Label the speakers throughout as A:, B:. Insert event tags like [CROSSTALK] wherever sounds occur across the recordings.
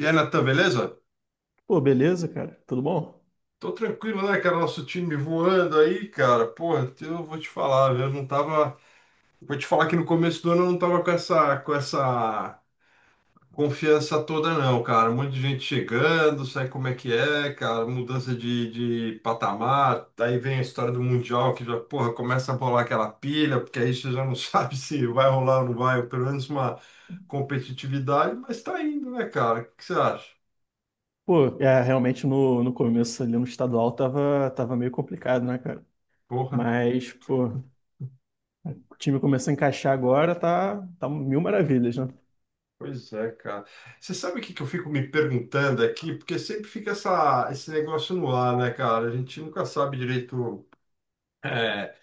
A: E aí, Natan, beleza?
B: Pô, beleza, cara? Tudo bom?
A: Tô tranquilo, né, cara? Nosso time voando aí, cara. Porra, eu vou te falar, eu não tava. Vou te falar que no começo do ano eu não tava com essa confiança toda, não, cara. Um monte de gente chegando, sabe como é que é, cara? Mudança de patamar. Daí vem a história do Mundial, que já, porra, começa a rolar aquela pilha, porque aí você já não [LAUGHS] sabe se vai rolar ou não vai, ou pelo menos uma competitividade, mas tá indo, né, cara? O que você acha?
B: Pô, é, realmente no começo ali no estadual tava meio complicado, né, cara?
A: Porra.
B: Mas, pô, o time começou a encaixar agora, tá, tá mil maravilhas, né?
A: Pois é, cara. Você sabe o que que eu fico me perguntando aqui? Porque sempre fica esse negócio no ar, né, cara? A gente nunca sabe direito, é,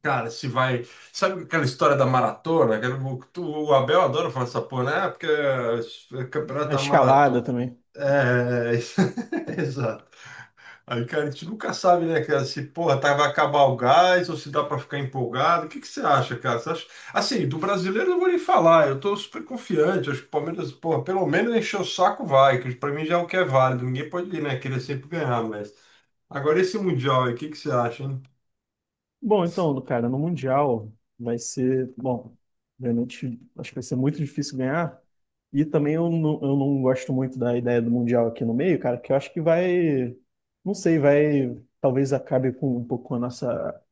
A: cara, se vai. Sabe aquela história da maratona? O Abel adora falar essa porra, né? Ah, porque é campeonato
B: A
A: da
B: escalada
A: maratona.
B: também.
A: É, [LAUGHS] exato. Aí, cara, a gente nunca sabe, né, cara, se, porra, tá, vai acabar o gás ou se dá para ficar empolgado. O que que você acha, cara? Você acha... Assim, do brasileiro eu não vou nem falar, eu tô super confiante. Acho que o Palmeiras, porra, pelo menos encher o saco vai, que pra mim já é o que é válido. Ninguém pode, né, querer sempre ganhar, mas... Agora esse Mundial aí, o que que você acha, hein?
B: Bom, então, cara, no Mundial vai ser, bom, realmente acho que vai ser muito difícil ganhar. E também eu não gosto muito da ideia do Mundial aqui no meio, cara, que eu acho que vai, não sei, vai, talvez acabe com um pouco com a nossa,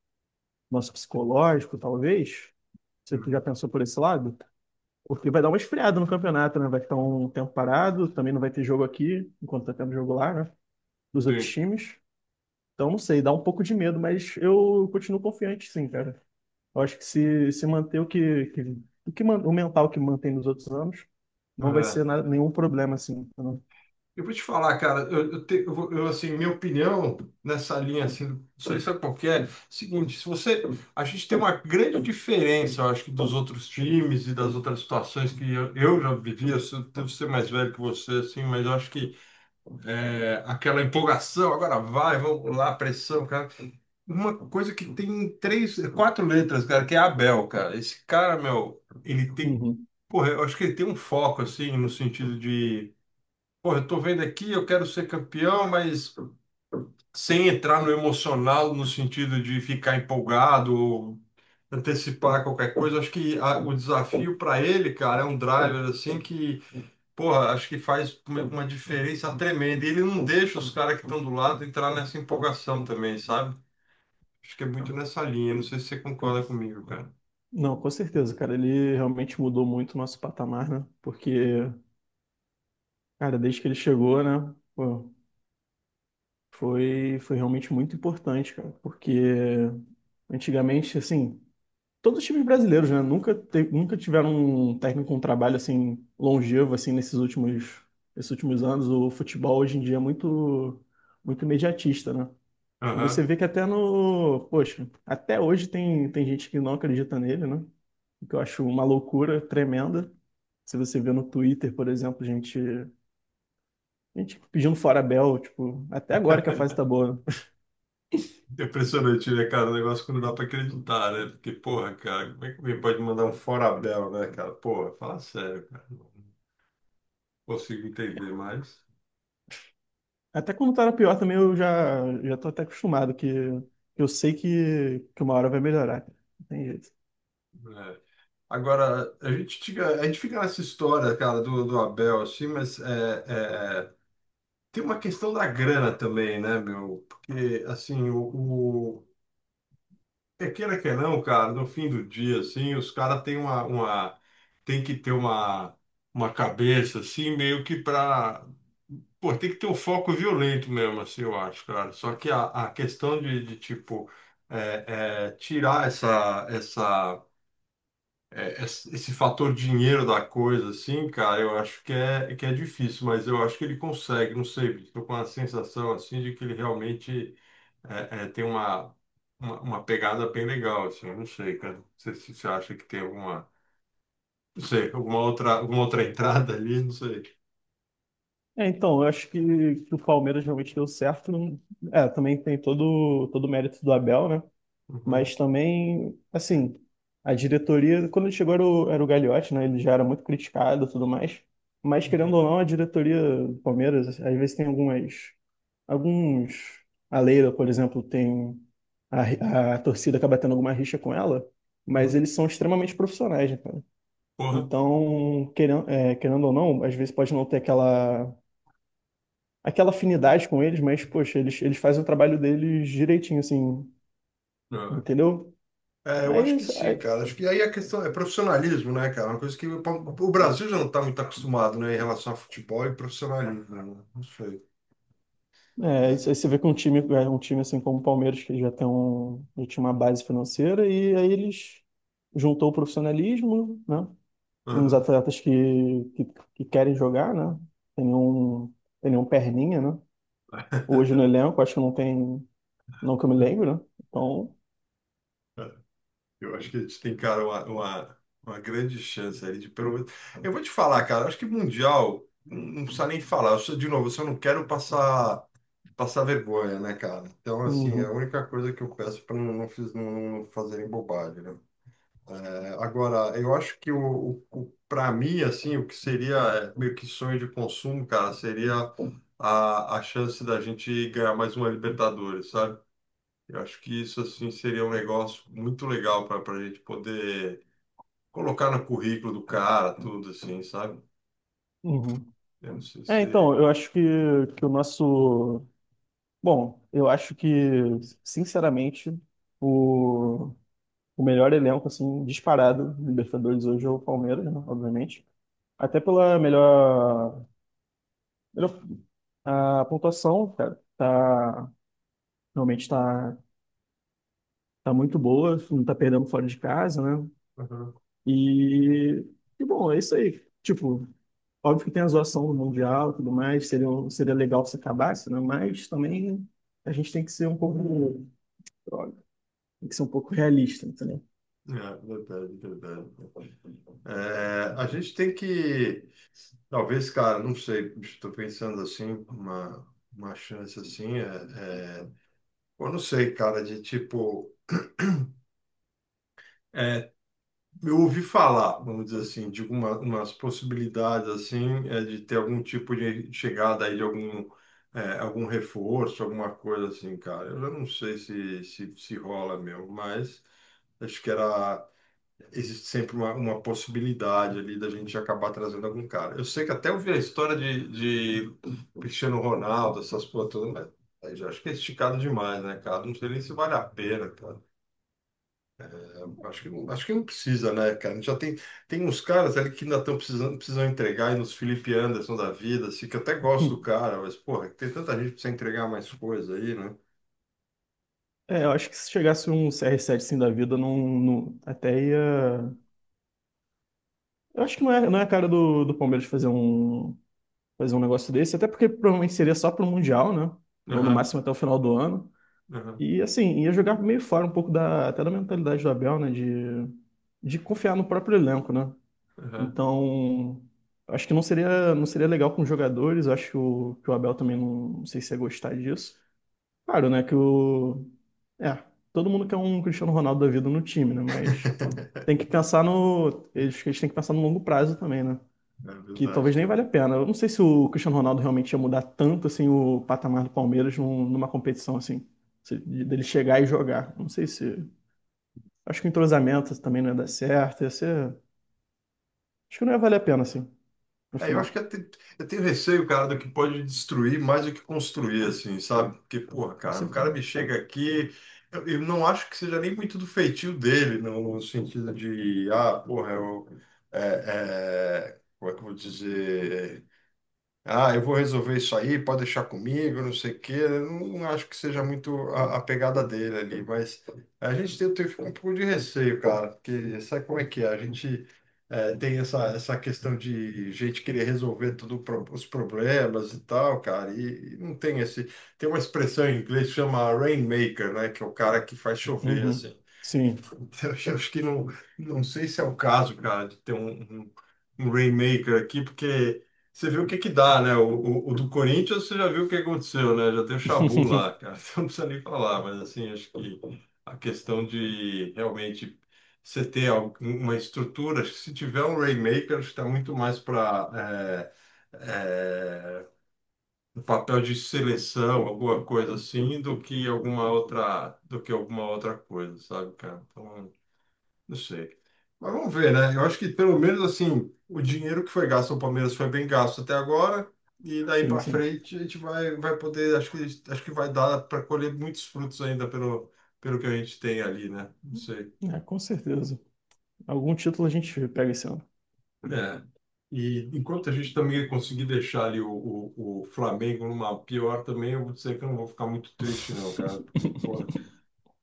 B: nosso psicológico, talvez. Você já
A: Uhum.
B: pensou por esse lado? Porque vai dar uma esfriada no campeonato, né? Vai ficar um tempo parado, também não vai ter jogo aqui, enquanto tá tendo jogo lá, né? Dos outros
A: Sim.
B: times. Então, não sei, dá um pouco de medo, mas eu continuo confiante, sim, cara. Eu acho que se manter o que o mental que mantém nos outros anos, não vai ser
A: É.
B: nenhum problema, assim. Entendeu?
A: Eu vou te falar, cara, eu, te- eu vou- eu, assim, minha opinião nessa linha, assim, isso aí sabe qual que é? Seguinte, se você, a gente tem uma grande diferença, eu acho que dos outros times e das outras situações que eu já vivi, devo ser mais velho que você, assim, mas eu acho que aquela empolgação, agora vai, vamos lá, pressão, cara. Uma coisa que tem três, quatro letras, cara, que é Abel, cara. Esse cara, meu, ele tem,
B: Uhum.
A: porra, eu acho que ele tem um foco, assim, no sentido de... Pô, eu tô vendo aqui, eu quero ser campeão, mas sem entrar no emocional, no sentido de ficar empolgado ou antecipar qualquer coisa. Acho que o desafio para ele, cara, é um driver assim que, porra, acho que faz uma diferença tremenda. E ele não deixa os caras que estão do lado entrar nessa empolgação também, sabe? Acho que é muito nessa linha. Não sei se você concorda comigo, cara.
B: Não, com certeza, cara. Ele realmente mudou muito o nosso patamar, né? Porque, cara, desde que ele chegou, né? Pô, foi realmente muito importante, cara. Porque antigamente, assim, todos os times brasileiros, né? Nunca tiveram um técnico com um trabalho assim longevo assim nesses últimos, esses últimos anos. O futebol hoje em dia é muito, muito imediatista, né? E você
A: Aham.
B: vê que até no, poxa, até hoje tem, tem gente que não acredita nele, né? O que eu acho uma loucura tremenda. Se você vê no Twitter, por exemplo, gente, gente pedindo fora Bel, tipo, até agora que a fase tá
A: [LAUGHS]
B: boa. Né?
A: É impressionante, né, cara? O negócio que não dá pra acreditar, né? Porque, porra, cara, como é que alguém pode mandar um fora Abel, né, cara? Porra, fala sério, cara. Não consigo entender mais.
B: Até quando tá era pior também, eu já, já tô até acostumado, que eu sei que uma hora vai melhorar, cara. Não tem jeito.
A: É. Agora, a gente fica nessa história, cara, do Abel, assim, mas tem uma questão da grana também, né, meu? Porque, assim, queira que não, cara, no fim do dia, assim, os caras têm tem que ter uma cabeça, assim, meio que pra, pô, tem que ter um foco violento mesmo, assim, eu acho, cara. Só que a questão tipo, tirar esse fator dinheiro da coisa, assim, cara, eu acho que que é difícil, mas eu acho que ele consegue, não sei, bicho, tô com a sensação, assim, de que ele realmente tem uma pegada bem legal, assim, eu não sei, cara. Não sei se você acha que tem alguma, não sei, alguma outra entrada ali, não sei.
B: É, então, eu acho que o Palmeiras realmente deu certo. É, também tem todo, todo o mérito do Abel, né?
A: Uhum,
B: Mas também, assim, a diretoria, quando ele chegou era o Gagliotti, né? Ele já era muito criticado e tudo mais. Mas,
A: uhum,
B: querendo ou não, a diretoria do Palmeiras, às vezes tem algumas alguns. A Leila, por exemplo, tem. A torcida acaba tendo alguma rixa com ela, mas
A: uhum.
B: eles são extremamente profissionais, né, cara?
A: Porra.
B: Então, querendo, é, querendo ou não, às vezes pode não ter aquela, aquela afinidade com eles, mas, poxa, eles fazem o trabalho deles direitinho, assim,
A: É.
B: entendeu?
A: É, eu
B: Aí,
A: acho que
B: isso-
A: sim,
B: aí,
A: cara. Acho que aí a questão é profissionalismo, né, cara? Uma coisa que o Brasil já não está muito acostumado, né, em relação a futebol e profissionalismo, né? Não sei.
B: é, isso aí você
A: É.
B: vê que um time, é, um time assim como o Palmeiras, que já tem um, já tinha uma base financeira, e aí eles juntou o profissionalismo, né? Uns
A: Uhum.
B: atletas que querem jogar, né? Tem um, tem um perninha, né? Hoje no elenco, acho que não tem, não que eu me lembro, né? Então,
A: Eu acho que a gente tem, cara, uma grande chance aí de pelo menos. Eu vou te falar, cara, eu acho que Mundial, não, não precisa nem falar. Eu sou, de novo, eu só não quero passar vergonha, né, cara? Então, assim, é a
B: uhum,
A: única coisa que eu peço para não fazerem bobagem, né? É, agora, eu acho que para mim, assim, o que seria meio que sonho de consumo, cara, seria a chance da gente ganhar mais uma Libertadores, sabe? Eu acho que isso, assim, seria um negócio muito legal para a gente poder colocar no currículo do cara, tudo assim, sabe?
B: uhum.
A: Eu não sei
B: É,
A: se.
B: então, eu acho que o nosso, bom, eu acho que, sinceramente, o, o melhor elenco, assim, disparado do Libertadores hoje é o Palmeiras, né? Obviamente. Até pela melhor, melhor a pontuação, cara, tá, realmente tá, tá muito boa, não tá perdendo fora de casa, né?
A: Uhum.
B: E, e bom, é isso aí. Tipo, óbvio que tem a zoação do Mundial e tudo mais, seria, seria legal se acabasse, né? Mas também a gente tem que ser um pouco, droga, tem que ser um pouco realista, entendeu? [LAUGHS]
A: É, verdade, verdade. É, a gente tem que, talvez, cara, não sei, estou pensando assim, uma chance assim, eu não sei, cara, de tipo. é, Eu ouvi falar, vamos dizer assim, de umas possibilidades assim, de ter algum tipo de chegada aí de algum reforço, alguma coisa assim, cara. Eu já não sei se rola mesmo, mas acho que existe sempre uma possibilidade ali da gente acabar trazendo algum cara. Eu sei que até ouvi a história de Cristiano Ronaldo, essas coisas todas, mas aí já acho que é esticado demais, né, cara? Não sei nem se vale a pena. Acho que, acho que não precisa, né, cara? Já tem uns caras ali que ainda estão precisando, precisam entregar, e nos Felipe Anderson da vida, assim, que eu até gosto do
B: Hum.
A: cara, mas, porra, tem tanta gente que precisa entregar mais coisa aí, né?
B: É, eu acho que se chegasse um CR7 assim da vida, até ia. Eu acho que não é a cara do, do Palmeiras fazer um negócio desse, até porque provavelmente seria só pro Mundial, né? Ou no
A: Aham,
B: máximo até o final do ano.
A: aham,
B: E assim, ia jogar meio fora um pouco da, até da mentalidade do Abel, né? De confiar no próprio elenco, né?
A: aham.
B: Então, acho que não seria, não seria legal com os jogadores. Acho que o Abel também não, não sei se ia gostar disso. Claro, né? Que o. É, todo mundo quer um Cristiano Ronaldo da vida no time, né? Mas tem
A: [LAUGHS]
B: que pensar no. Eles têm que pensar no longo prazo também, né?
A: É
B: Que
A: verdade,
B: talvez nem
A: cara.
B: valha a pena. Eu não sei se o Cristiano Ronaldo realmente ia mudar tanto assim o patamar do Palmeiras numa competição assim, dele chegar e jogar. Não sei se. Acho que o entrosamento também não ia dar certo. Ia ser... Acho que não ia valer a pena assim, no
A: É, eu
B: final.
A: acho que eu tenho receio, cara, do que pode destruir mais do que construir, assim, sabe? Porque, porra,
B: Com
A: cara, o cara
B: certeza.
A: me chega aqui, eu não acho que seja nem muito do feitio dele, no sentido de, ah, porra, é, como é que eu vou dizer? Ah, eu vou resolver isso aí, pode deixar comigo, não sei o quê. Eu não acho que seja muito a pegada dele ali, mas a gente tem um pouco de receio, cara, porque sabe como é que é? A gente tem essa questão de gente querer resolver tudo, os problemas e tal, cara, e não tem esse. Tem uma expressão em inglês que chama rainmaker, né, que é o cara que faz chover,
B: Uhum.
A: assim. E
B: Sim.
A: [LAUGHS] eu acho que não, não sei se é o caso, cara, de ter um- um Rainmaker aqui, porque você viu o que que dá, né? O do Corinthians, você já viu o que aconteceu, né? Já tem o Chabu lá,
B: [LAUGHS]
A: cara. [LAUGHS] Então não precisa nem falar, mas assim, acho que a questão de realmente você ter uma estrutura, acho que se tiver um Rainmaker, acho que está muito mais para um papel de seleção, alguma coisa assim, do que alguma outra coisa, sabe, cara? Então, não sei. Mas vamos ver, né? Eu acho que pelo menos assim, o dinheiro que foi gasto no Palmeiras foi bem gasto até agora. E daí
B: Sim,
A: para
B: sim.
A: frente a gente vai poder, acho que vai dar para colher muitos frutos ainda pelo que a gente tem ali, né? Não sei.
B: É, com certeza. Algum título a gente pega esse ano.
A: É. E enquanto a gente também conseguir deixar ali o Flamengo numa pior também, eu vou dizer que eu não vou ficar muito triste, não, cara. Porque, porra,
B: [LAUGHS]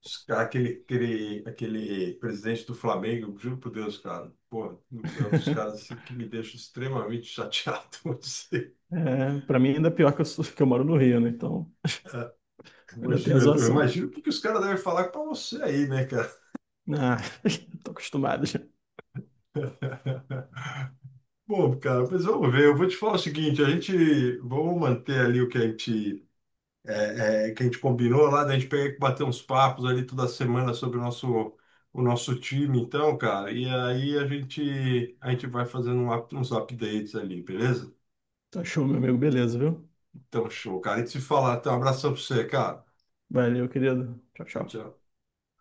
A: Esse cara, Aquele, aquele, aquele presidente do Flamengo, juro por Deus, cara. Pô, é um dos caras assim, que me deixa extremamente chateado. [LAUGHS] Vou dizer.
B: É, para mim ainda é pior que que eu moro no Rio, né? Então ainda tem a
A: Imagina, eu
B: zoação.
A: imagino porque os caras devem falar para você aí, né, cara?
B: Ah, [LAUGHS] tô acostumado já.
A: [LAUGHS] Bom, cara, mas vamos ver. Eu vou te falar o seguinte: a gente vamos manter ali o que a gente, é, é, que a gente combinou lá, da gente pegar e bater uns papos ali toda semana sobre o nosso time, então, cara. E aí a gente vai fazendo um uns updates ali, beleza?
B: Tá show, meu amigo. Beleza, viu?
A: Então, show, cara. E te falar, então, um abração pra você, cara.
B: Valeu, querido. Tchau, tchau.
A: Tchau.